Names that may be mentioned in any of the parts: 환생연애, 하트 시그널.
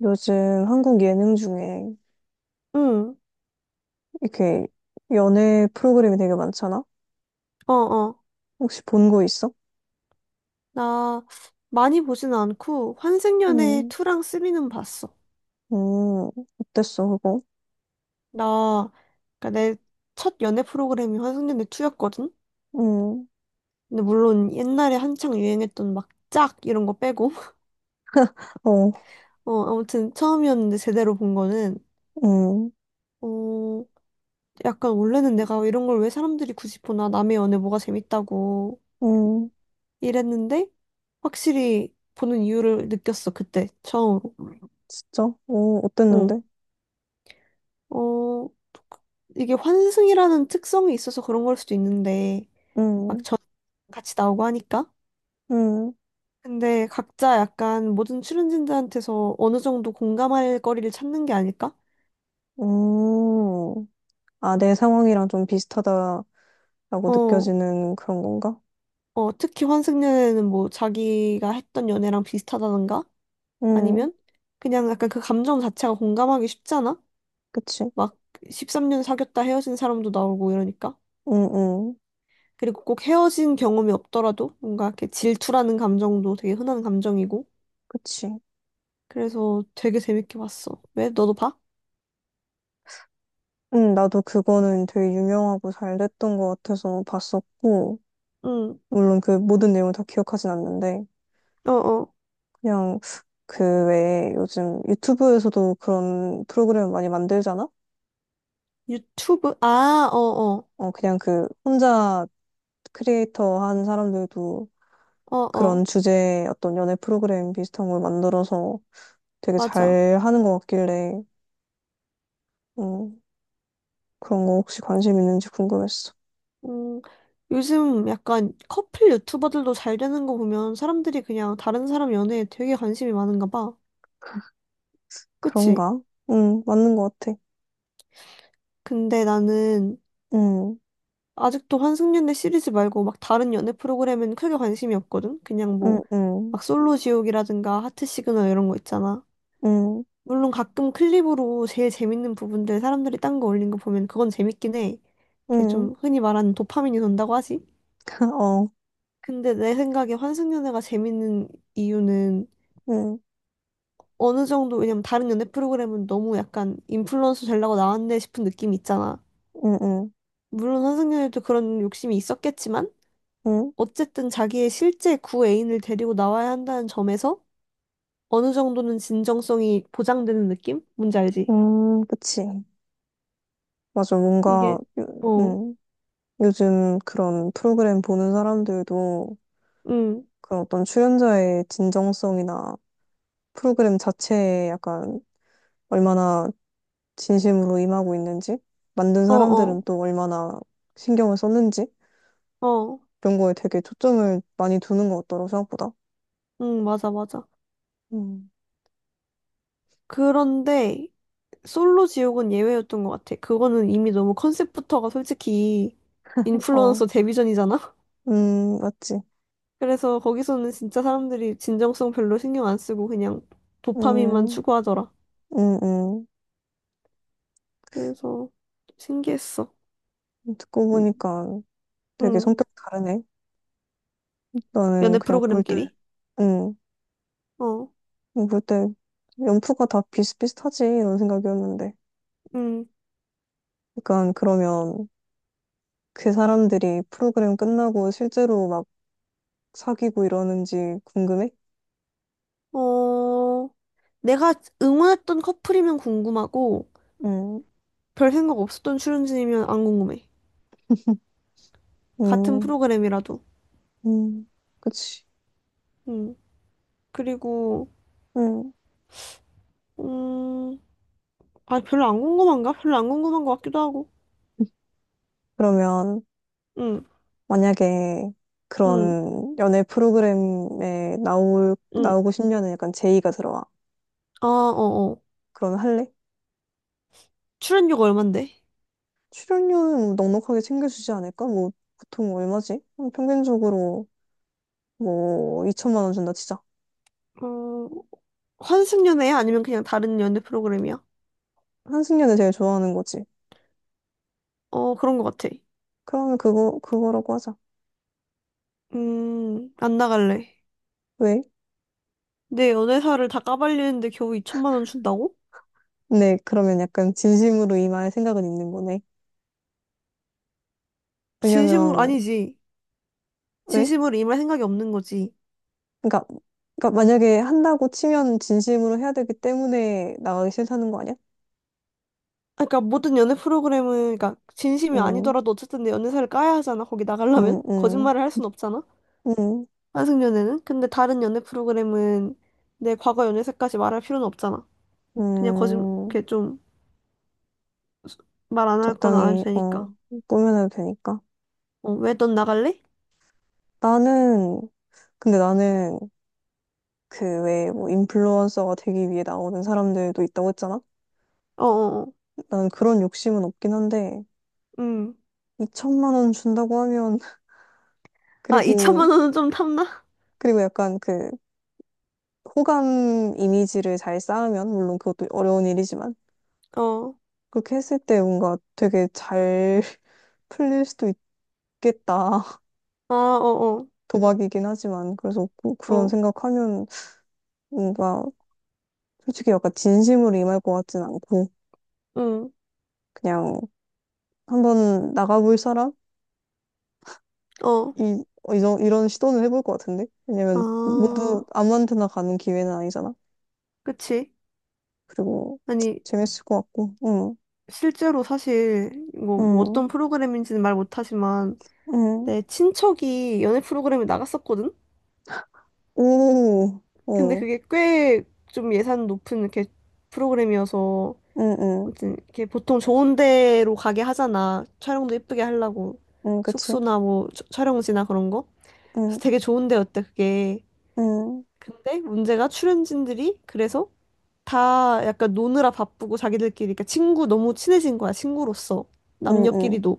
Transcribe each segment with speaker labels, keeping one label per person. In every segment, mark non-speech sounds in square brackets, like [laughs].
Speaker 1: 요즘 한국 예능 중에
Speaker 2: 응,
Speaker 1: 이렇게 연애 프로그램이 되게 많잖아?
Speaker 2: 어, 어.
Speaker 1: 혹시 본 거 있어?
Speaker 2: 나 많이 보진 않고 환생연애
Speaker 1: 응,
Speaker 2: 2랑 3는 봤어.
Speaker 1: 응, 어땠어, 그거?
Speaker 2: 나, 그니까 내 첫 연애 프로그램이 환생연애 2였거든?
Speaker 1: 응,
Speaker 2: 근데 물론 옛날에 한창 유행했던 막 짝 이런 거 빼고. [laughs]
Speaker 1: 어,
Speaker 2: 아무튼 처음이었는데 제대로 본 거는,
Speaker 1: 응,
Speaker 2: 어, 약간 원래는 내가 이런 걸 왜 사람들이 굳이 보나 남의 연애 뭐가 재밌다고
Speaker 1: 응,
Speaker 2: 이랬는데 확실히 보는 이유를 느꼈어, 그때 처음으로.
Speaker 1: 진짜? 어,
Speaker 2: 어.
Speaker 1: 어땠는데?
Speaker 2: 어, 이게 환승이라는 특성이 있어서 그런 걸 수도 있는데, 막
Speaker 1: 응,
Speaker 2: 전 같이 나오고 하니까.
Speaker 1: 응,
Speaker 2: 근데 각자 약간 모든 출연진들한테서 어느 정도 공감할 거리를 찾는 게 아닐까?
Speaker 1: 응. 아, 내 상황이랑 좀 비슷하다라고
Speaker 2: 어,
Speaker 1: 느껴지는 그런 건가?
Speaker 2: 특히 환승 연애는 뭐 자기가 했던 연애랑 비슷하다던가?
Speaker 1: 응,
Speaker 2: 아니면 그냥 약간 그 감정 자체가 공감하기 쉽잖아?
Speaker 1: 그치?
Speaker 2: 막 13년 사귀었다 헤어진 사람도 나오고 이러니까.
Speaker 1: 응, 응,
Speaker 2: 그리고 꼭 헤어진 경험이 없더라도 뭔가 이렇게 질투라는 감정도 되게 흔한 감정이고.
Speaker 1: 그치?
Speaker 2: 그래서 되게 재밌게 봤어. 왜? 너도 봐?
Speaker 1: 응, 나도 그거는 되게 유명하고 잘 됐던 것 같아서 봤었고,
Speaker 2: 응,
Speaker 1: 물론 그 모든 내용을 다 기억하진 않는데,
Speaker 2: 어어.
Speaker 1: 그냥 그 외에 요즘 유튜브에서도 그런 프로그램 많이 만들잖아?
Speaker 2: 유튜브? 아, 어어.
Speaker 1: 어, 그냥 그 혼자 크리에이터 한 사람들도
Speaker 2: 어어.
Speaker 1: 그런 주제의 어떤 연애 프로그램 비슷한 걸 만들어서 되게
Speaker 2: 맞아.
Speaker 1: 잘 하는 것 같길래, 음, 그런 거 혹시 관심 있는지 궁금했어.
Speaker 2: 음, 요즘 약간 커플 유튜버들도 잘 되는 거 보면 사람들이 그냥 다른 사람 연애에 되게 관심이 많은가 봐. 그치?
Speaker 1: 그런가? 응, 맞는 것 같아.
Speaker 2: 근데 나는
Speaker 1: 응,
Speaker 2: 아직도 환승연애 시리즈 말고 막 다른 연애 프로그램는 크게 관심이 없거든? 그냥 뭐,
Speaker 1: 응, 응,
Speaker 2: 막 솔로 지옥이라든가 하트 시그널 이런 거 있잖아.
Speaker 1: 응,
Speaker 2: 물론 가끔 클립으로 제일 재밌는 부분들 사람들이 딴 거 올린 거 보면 그건 재밌긴 해. 이게
Speaker 1: 응,
Speaker 2: 좀 흔히 말하는 도파민이 돈다고 하지?
Speaker 1: [laughs] 어,
Speaker 2: 근데 내 생각에 환승연애가 재밌는 이유는
Speaker 1: 응,
Speaker 2: 어느 정도 왜냐면 다른 연애 프로그램은 너무 약간 인플루언서 되려고 나왔네 싶은 느낌이 있잖아.
Speaker 1: 응, 응,
Speaker 2: 물론 환승연애도 그런 욕심이 있었겠지만
Speaker 1: 응,
Speaker 2: 어쨌든 자기의 실제 구애인을 데리고 나와야 한다는 점에서 어느 정도는 진정성이 보장되는 느낌? 뭔지 알지?
Speaker 1: 그치. 맞아, 뭔가,
Speaker 2: 이게
Speaker 1: 요,
Speaker 2: 어,
Speaker 1: 요즘 그런 프로그램 보는 사람들도
Speaker 2: 응,
Speaker 1: 그런 어떤 출연자의 진정성이나 프로그램 자체에 약간 얼마나 진심으로 임하고 있는지, 만든
Speaker 2: 어,
Speaker 1: 사람들은
Speaker 2: 어,
Speaker 1: 또 얼마나 신경을 썼는지,
Speaker 2: 어.
Speaker 1: 이런 거에 되게 초점을 많이 두는 것 같더라고, 생각보다.
Speaker 2: 응, 맞아, 맞아.
Speaker 1: 음.
Speaker 2: 그런데 솔로 지옥은 예외였던 것 같아. 그거는 이미 너무 컨셉부터가 솔직히
Speaker 1: 어,
Speaker 2: 인플루언서 데뷔전이잖아? [laughs]
Speaker 1: 맞지.
Speaker 2: 그래서 거기서는 진짜 사람들이 진정성 별로 신경 안 쓰고 그냥 도파민만
Speaker 1: 음,
Speaker 2: 추구하더라.
Speaker 1: 음, 음.
Speaker 2: 그래서 신기했어.
Speaker 1: 듣고 보니까 되게
Speaker 2: 응.
Speaker 1: 성격 다르네. 나는
Speaker 2: 연애
Speaker 1: 그냥 볼 때,
Speaker 2: 프로그램끼리? 어,
Speaker 1: 뭐 그때 연프가 다 비슷비슷하지 이런 생각이었는데.
Speaker 2: 응.
Speaker 1: 약간 그러면 그 사람들이 프로그램 끝나고 실제로 막 사귀고 이러는지 궁금해?
Speaker 2: 어, 내가 응원했던 커플이면 궁금하고
Speaker 1: 음,
Speaker 2: 별 생각 없었던 출연진이면 안 궁금해. 같은
Speaker 1: 음,
Speaker 2: 프로그램이라도.
Speaker 1: 음, 그치.
Speaker 2: 응. 그리고,
Speaker 1: 음.
Speaker 2: 음, 아, 별로 안 궁금한가? 별로 안 궁금한 것 같기도 하고.
Speaker 1: 그러면
Speaker 2: 응,
Speaker 1: 만약에
Speaker 2: 응,
Speaker 1: 그런 연애 프로그램에 나올,
Speaker 2: 응.
Speaker 1: 나오고 싶냐는 약간 제의가 들어와.
Speaker 2: 아, 어, 어.
Speaker 1: 그럼 할래?
Speaker 2: 출연료가 얼만데?
Speaker 1: 출연료는 뭐 넉넉하게 챙겨주지 않을까? 뭐 보통 얼마지? 평균적으로 뭐 2천만 원 준다 치자.
Speaker 2: 어, 환승연애야? 아니면 그냥 다른 연애 프로그램이야?
Speaker 1: 한승연을 제일 좋아하는 거지.
Speaker 2: 어, 그런 것 같아.
Speaker 1: 그러면 그거, 그거라고 하자.
Speaker 2: 안 나갈래.
Speaker 1: 왜?
Speaker 2: 내 연애사를 다 까발리는데 겨우 2천만 원 준다고?
Speaker 1: 네, 그러면 약간 진심으로 임할 생각은 있는 거네.
Speaker 2: 진심으로,
Speaker 1: 왜냐면,
Speaker 2: 아니지.
Speaker 1: 왜?
Speaker 2: 진심으로 임할 생각이 없는 거지.
Speaker 1: 그러니까, 그러니까 만약에 한다고 치면 진심으로 해야 되기 때문에 나가기 싫다는 거 아니야?
Speaker 2: 아, 그러니까 모든 연애 프로그램은, 그러니까 진심이
Speaker 1: 음,
Speaker 2: 아니더라도 어쨌든 내 연애사를 까야 하잖아. 거기
Speaker 1: 음,
Speaker 2: 나가려면.
Speaker 1: 음,
Speaker 2: 거짓말을 할 순 없잖아.
Speaker 1: 음,
Speaker 2: 환승연애는? 근데 다른 연애 프로그램은 내 과거 연애사까지 말할 필요는 없잖아. 그냥
Speaker 1: 음,
Speaker 2: 이렇게 좀 말 안 할 거나 안 해도
Speaker 1: 적당히, 어,
Speaker 2: 되니까.
Speaker 1: 꾸며내도 되니까.
Speaker 2: 어, 왜 넌 나갈래?
Speaker 1: 나는, 근데 나는 그 왜 뭐 인플루언서가 되기 위해 나오는 사람들도 있다고 했잖아?
Speaker 2: 어어어,
Speaker 1: 나는 그런 욕심은 없긴 한데,
Speaker 2: 음.
Speaker 1: 2천만 원 준다고 하면 [laughs]
Speaker 2: 아,
Speaker 1: 그리고
Speaker 2: 2천만 원은 좀 탐나?
Speaker 1: 그리고 약간 그 호감 이미지를 잘 쌓으면 물론 그것도 어려운 일이지만
Speaker 2: 어,
Speaker 1: 그렇게 했을 때 뭔가 되게 잘 [laughs] 풀릴 수도 있겠다. [laughs]
Speaker 2: 아, 어어,
Speaker 1: 도박이긴 하지만 그래서
Speaker 2: 어,
Speaker 1: 그런
Speaker 2: 어.
Speaker 1: 생각하면 뭔가 솔직히 약간 진심으로 임할 것 같진 않고
Speaker 2: 응,
Speaker 1: 그냥 한번 나가볼 사람?
Speaker 2: 어,
Speaker 1: 이런 시도는 해볼 것 같은데
Speaker 2: 아,
Speaker 1: 왜냐면 모두 아무한테나 가는 기회는 아니잖아.
Speaker 2: 그치.
Speaker 1: 그리고
Speaker 2: 아니,
Speaker 1: 재밌을 것 같고, 응.
Speaker 2: 실제로 사실, 뭐
Speaker 1: 응,
Speaker 2: 어떤 프로그램인지는 말 못하지만,
Speaker 1: 응,
Speaker 2: 내 친척이 연애 프로그램에 나갔었거든?
Speaker 1: 오,
Speaker 2: 근데
Speaker 1: 응,
Speaker 2: 그게 꽤 좀 예산 높은 이렇게 프로그램이어서,
Speaker 1: 응, 응,
Speaker 2: 아무튼 이렇게 보통 좋은 데로 가게 하잖아. 촬영도 예쁘게 하려고.
Speaker 1: 응, 그치?
Speaker 2: 숙소나 뭐 촬영지나 그런 거.
Speaker 1: 응,
Speaker 2: 그래서 되게 좋은 데였대, 그게.
Speaker 1: 응,
Speaker 2: 근데 문제가 출연진들이 그래서 다 약간 노느라 바쁘고 자기들끼리 그러니까 친구 너무 친해진 거야, 친구로서.
Speaker 1: 응, 응,
Speaker 2: 남녀끼리도.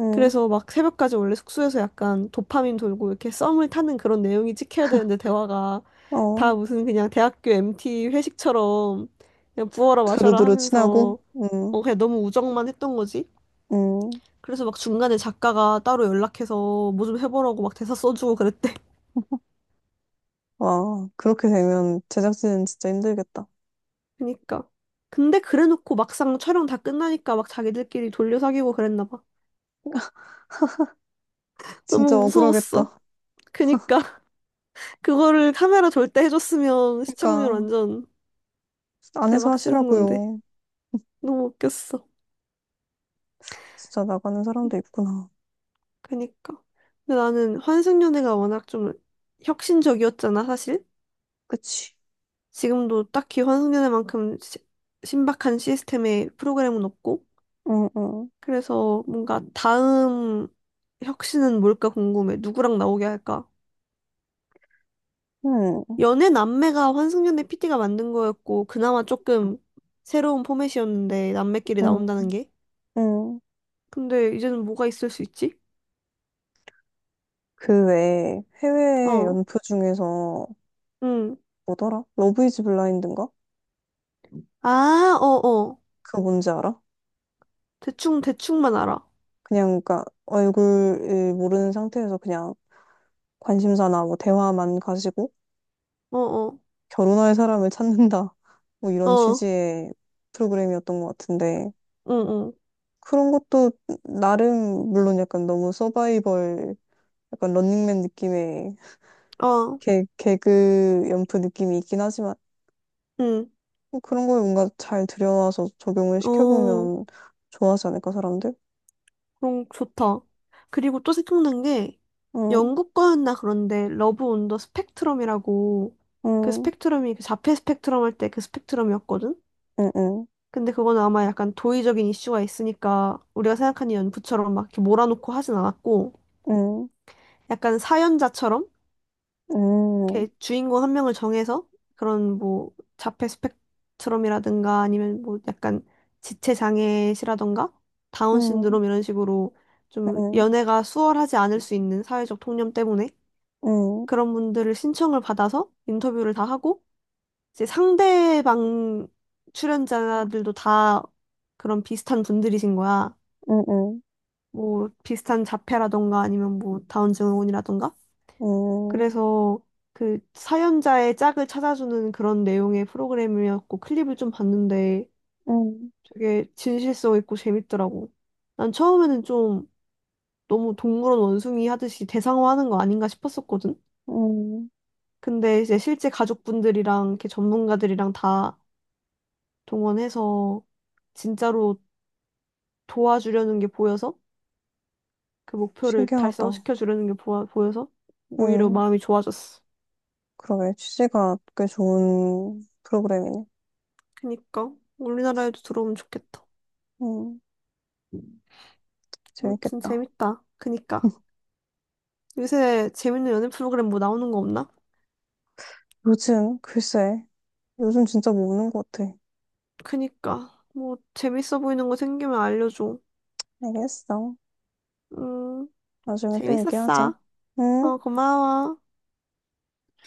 Speaker 1: 응,
Speaker 2: 그래서 막 새벽까지 원래 숙소에서 약간 도파민 돌고 이렇게 썸을 타는 그런 내용이 찍혀야 되는데 대화가
Speaker 1: 어,
Speaker 2: 다 무슨 그냥 대학교 MT 회식처럼 그냥 부어라 마셔라
Speaker 1: 두루두루 친하고,
Speaker 2: 하면서
Speaker 1: 응,
Speaker 2: 그냥 너무 우정만 했던 거지.
Speaker 1: 응,
Speaker 2: 그래서 막 중간에 작가가 따로 연락해서 뭐 좀 해보라고 막 대사 써주고 그랬대. [laughs]
Speaker 1: 와, 그렇게 되면 제작진 진짜 힘들겠다.
Speaker 2: 그니까. 근데 그래놓고 막상 촬영 다 끝나니까 막 자기들끼리 돌려 사귀고 그랬나 봐.
Speaker 1: 진짜
Speaker 2: 너무 무서웠어.
Speaker 1: 억울하겠다.
Speaker 2: 그니까 [laughs] 그거를 카메라 절대 해줬으면 시청률
Speaker 1: 그러니까,
Speaker 2: 완전
Speaker 1: 안에서
Speaker 2: 대박 치는 건데.
Speaker 1: 하시라고요.
Speaker 2: 너무 웃겼어.
Speaker 1: 진짜 나가는 사람도 있구나.
Speaker 2: 그니까. 근데 나는 환승연애가 워낙 좀 혁신적이었잖아, 사실.
Speaker 1: 그치?
Speaker 2: 지금도 딱히 환승연애만큼 신박한 시스템의 프로그램은 없고.
Speaker 1: 응, 응,
Speaker 2: 그래서 뭔가 다음 혁신은 뭘까 궁금해. 누구랑 나오게 할까?
Speaker 1: 응,
Speaker 2: 연애 남매가 환승연애 PD 가 만든 거였고, 그나마 조금 새로운 포맷이었는데, 남매끼리
Speaker 1: 응,
Speaker 2: 나온다는 게.
Speaker 1: 응.
Speaker 2: 근데 이제는 뭐가 있을 수 있지?
Speaker 1: 그 외에 해외
Speaker 2: 어,
Speaker 1: 연표 중에서
Speaker 2: 응.
Speaker 1: 뭐더라? 러브 이즈 블라인드인가?
Speaker 2: 아, 어어.
Speaker 1: 그거 뭔지 알아?
Speaker 2: 대충, 대충만 알아.
Speaker 1: 그냥 그니까 얼굴을 모르는 상태에서 그냥 관심사나 뭐 대화만 가지고
Speaker 2: 어, 어,
Speaker 1: 결혼할 사람을 찾는다 [laughs] 뭐 이런
Speaker 2: 어,
Speaker 1: 취지의 프로그램이었던 것 같은데
Speaker 2: 응,
Speaker 1: 그런 것도 나름 물론 약간 너무 서바이벌 약간 런닝맨 느낌의
Speaker 2: 응, 어,
Speaker 1: 개그 연프 느낌이 있긴 하지만
Speaker 2: 응,
Speaker 1: 뭐 그런 걸 뭔가 잘 들여와서 적용을
Speaker 2: 어,
Speaker 1: 시켜보면 좋아하지 않을까 사람들?
Speaker 2: 그럼 좋다. 그리고 또 생각난 게,
Speaker 1: 응,
Speaker 2: 영국 거였나 그런데, 러브 온더 스펙트럼이라고, 그
Speaker 1: 응,
Speaker 2: 스펙트럼이 그 자폐 스펙트럼 할 때 그 스펙트럼이었거든?
Speaker 1: 응, 응,
Speaker 2: 근데 그건 아마 약간 도의적인 이슈가 있으니까, 우리가 생각하는 연구처럼 막 이렇게 몰아놓고 하진 않았고,
Speaker 1: 응,
Speaker 2: 약간 사연자처럼?
Speaker 1: 응,
Speaker 2: 이렇게 주인공 한 명을 정해서 그런 뭐 자폐 스펙트럼이라든가 아니면 뭐 약간 지체 장애시라든가 다운
Speaker 1: 응,
Speaker 2: 신드롬 이런 식으로 좀
Speaker 1: 응,
Speaker 2: 연애가 수월하지 않을 수 있는 사회적 통념 때문에
Speaker 1: 응.
Speaker 2: 그런 분들을 신청을 받아서 인터뷰를 다 하고 이제 상대방 출연자들도 다 그런 비슷한 분들이신 거야.
Speaker 1: 응, 응,
Speaker 2: 뭐 비슷한 자폐라던가 아니면 뭐 다운 증후군이라던가
Speaker 1: 응,
Speaker 2: 그래서 그 사연자의 짝을 찾아주는 그런 내용의 프로그램이었고 클립을 좀 봤는데
Speaker 1: 응.
Speaker 2: 되게 진실성 있고 재밌더라고. 난 처음에는 좀 너무 동물원 원숭이 하듯이 대상화하는 거 아닌가 싶었었거든.
Speaker 1: 응
Speaker 2: 근데 이제 실제 가족분들이랑 이렇게 전문가들이랑 다 동원해서 진짜로 도와주려는 게 보여서 그 목표를
Speaker 1: 신기하다.
Speaker 2: 달성시켜 주려는 게 보여서 오히려
Speaker 1: 응.
Speaker 2: 마음이 좋아졌어.
Speaker 1: 그러게, 취지가 꽤 좋은 프로그램이네.
Speaker 2: 그니까 우리나라에도 들어오면 좋겠다.
Speaker 1: 응,
Speaker 2: 아무튼
Speaker 1: 재밌겠다.
Speaker 2: 재밌다. 그니까. 요새 재밌는 연애 프로그램 뭐 나오는 거 없나?
Speaker 1: 요즘, 글쎄, 요즘 진짜 모르는 것 같아.
Speaker 2: 그니까. 뭐 재밌어 보이는 거 생기면 알려줘.
Speaker 1: 알겠어.
Speaker 2: 음,
Speaker 1: 나중에 또 얘기하자.
Speaker 2: 재밌었어.
Speaker 1: 응?
Speaker 2: 어, 고마워.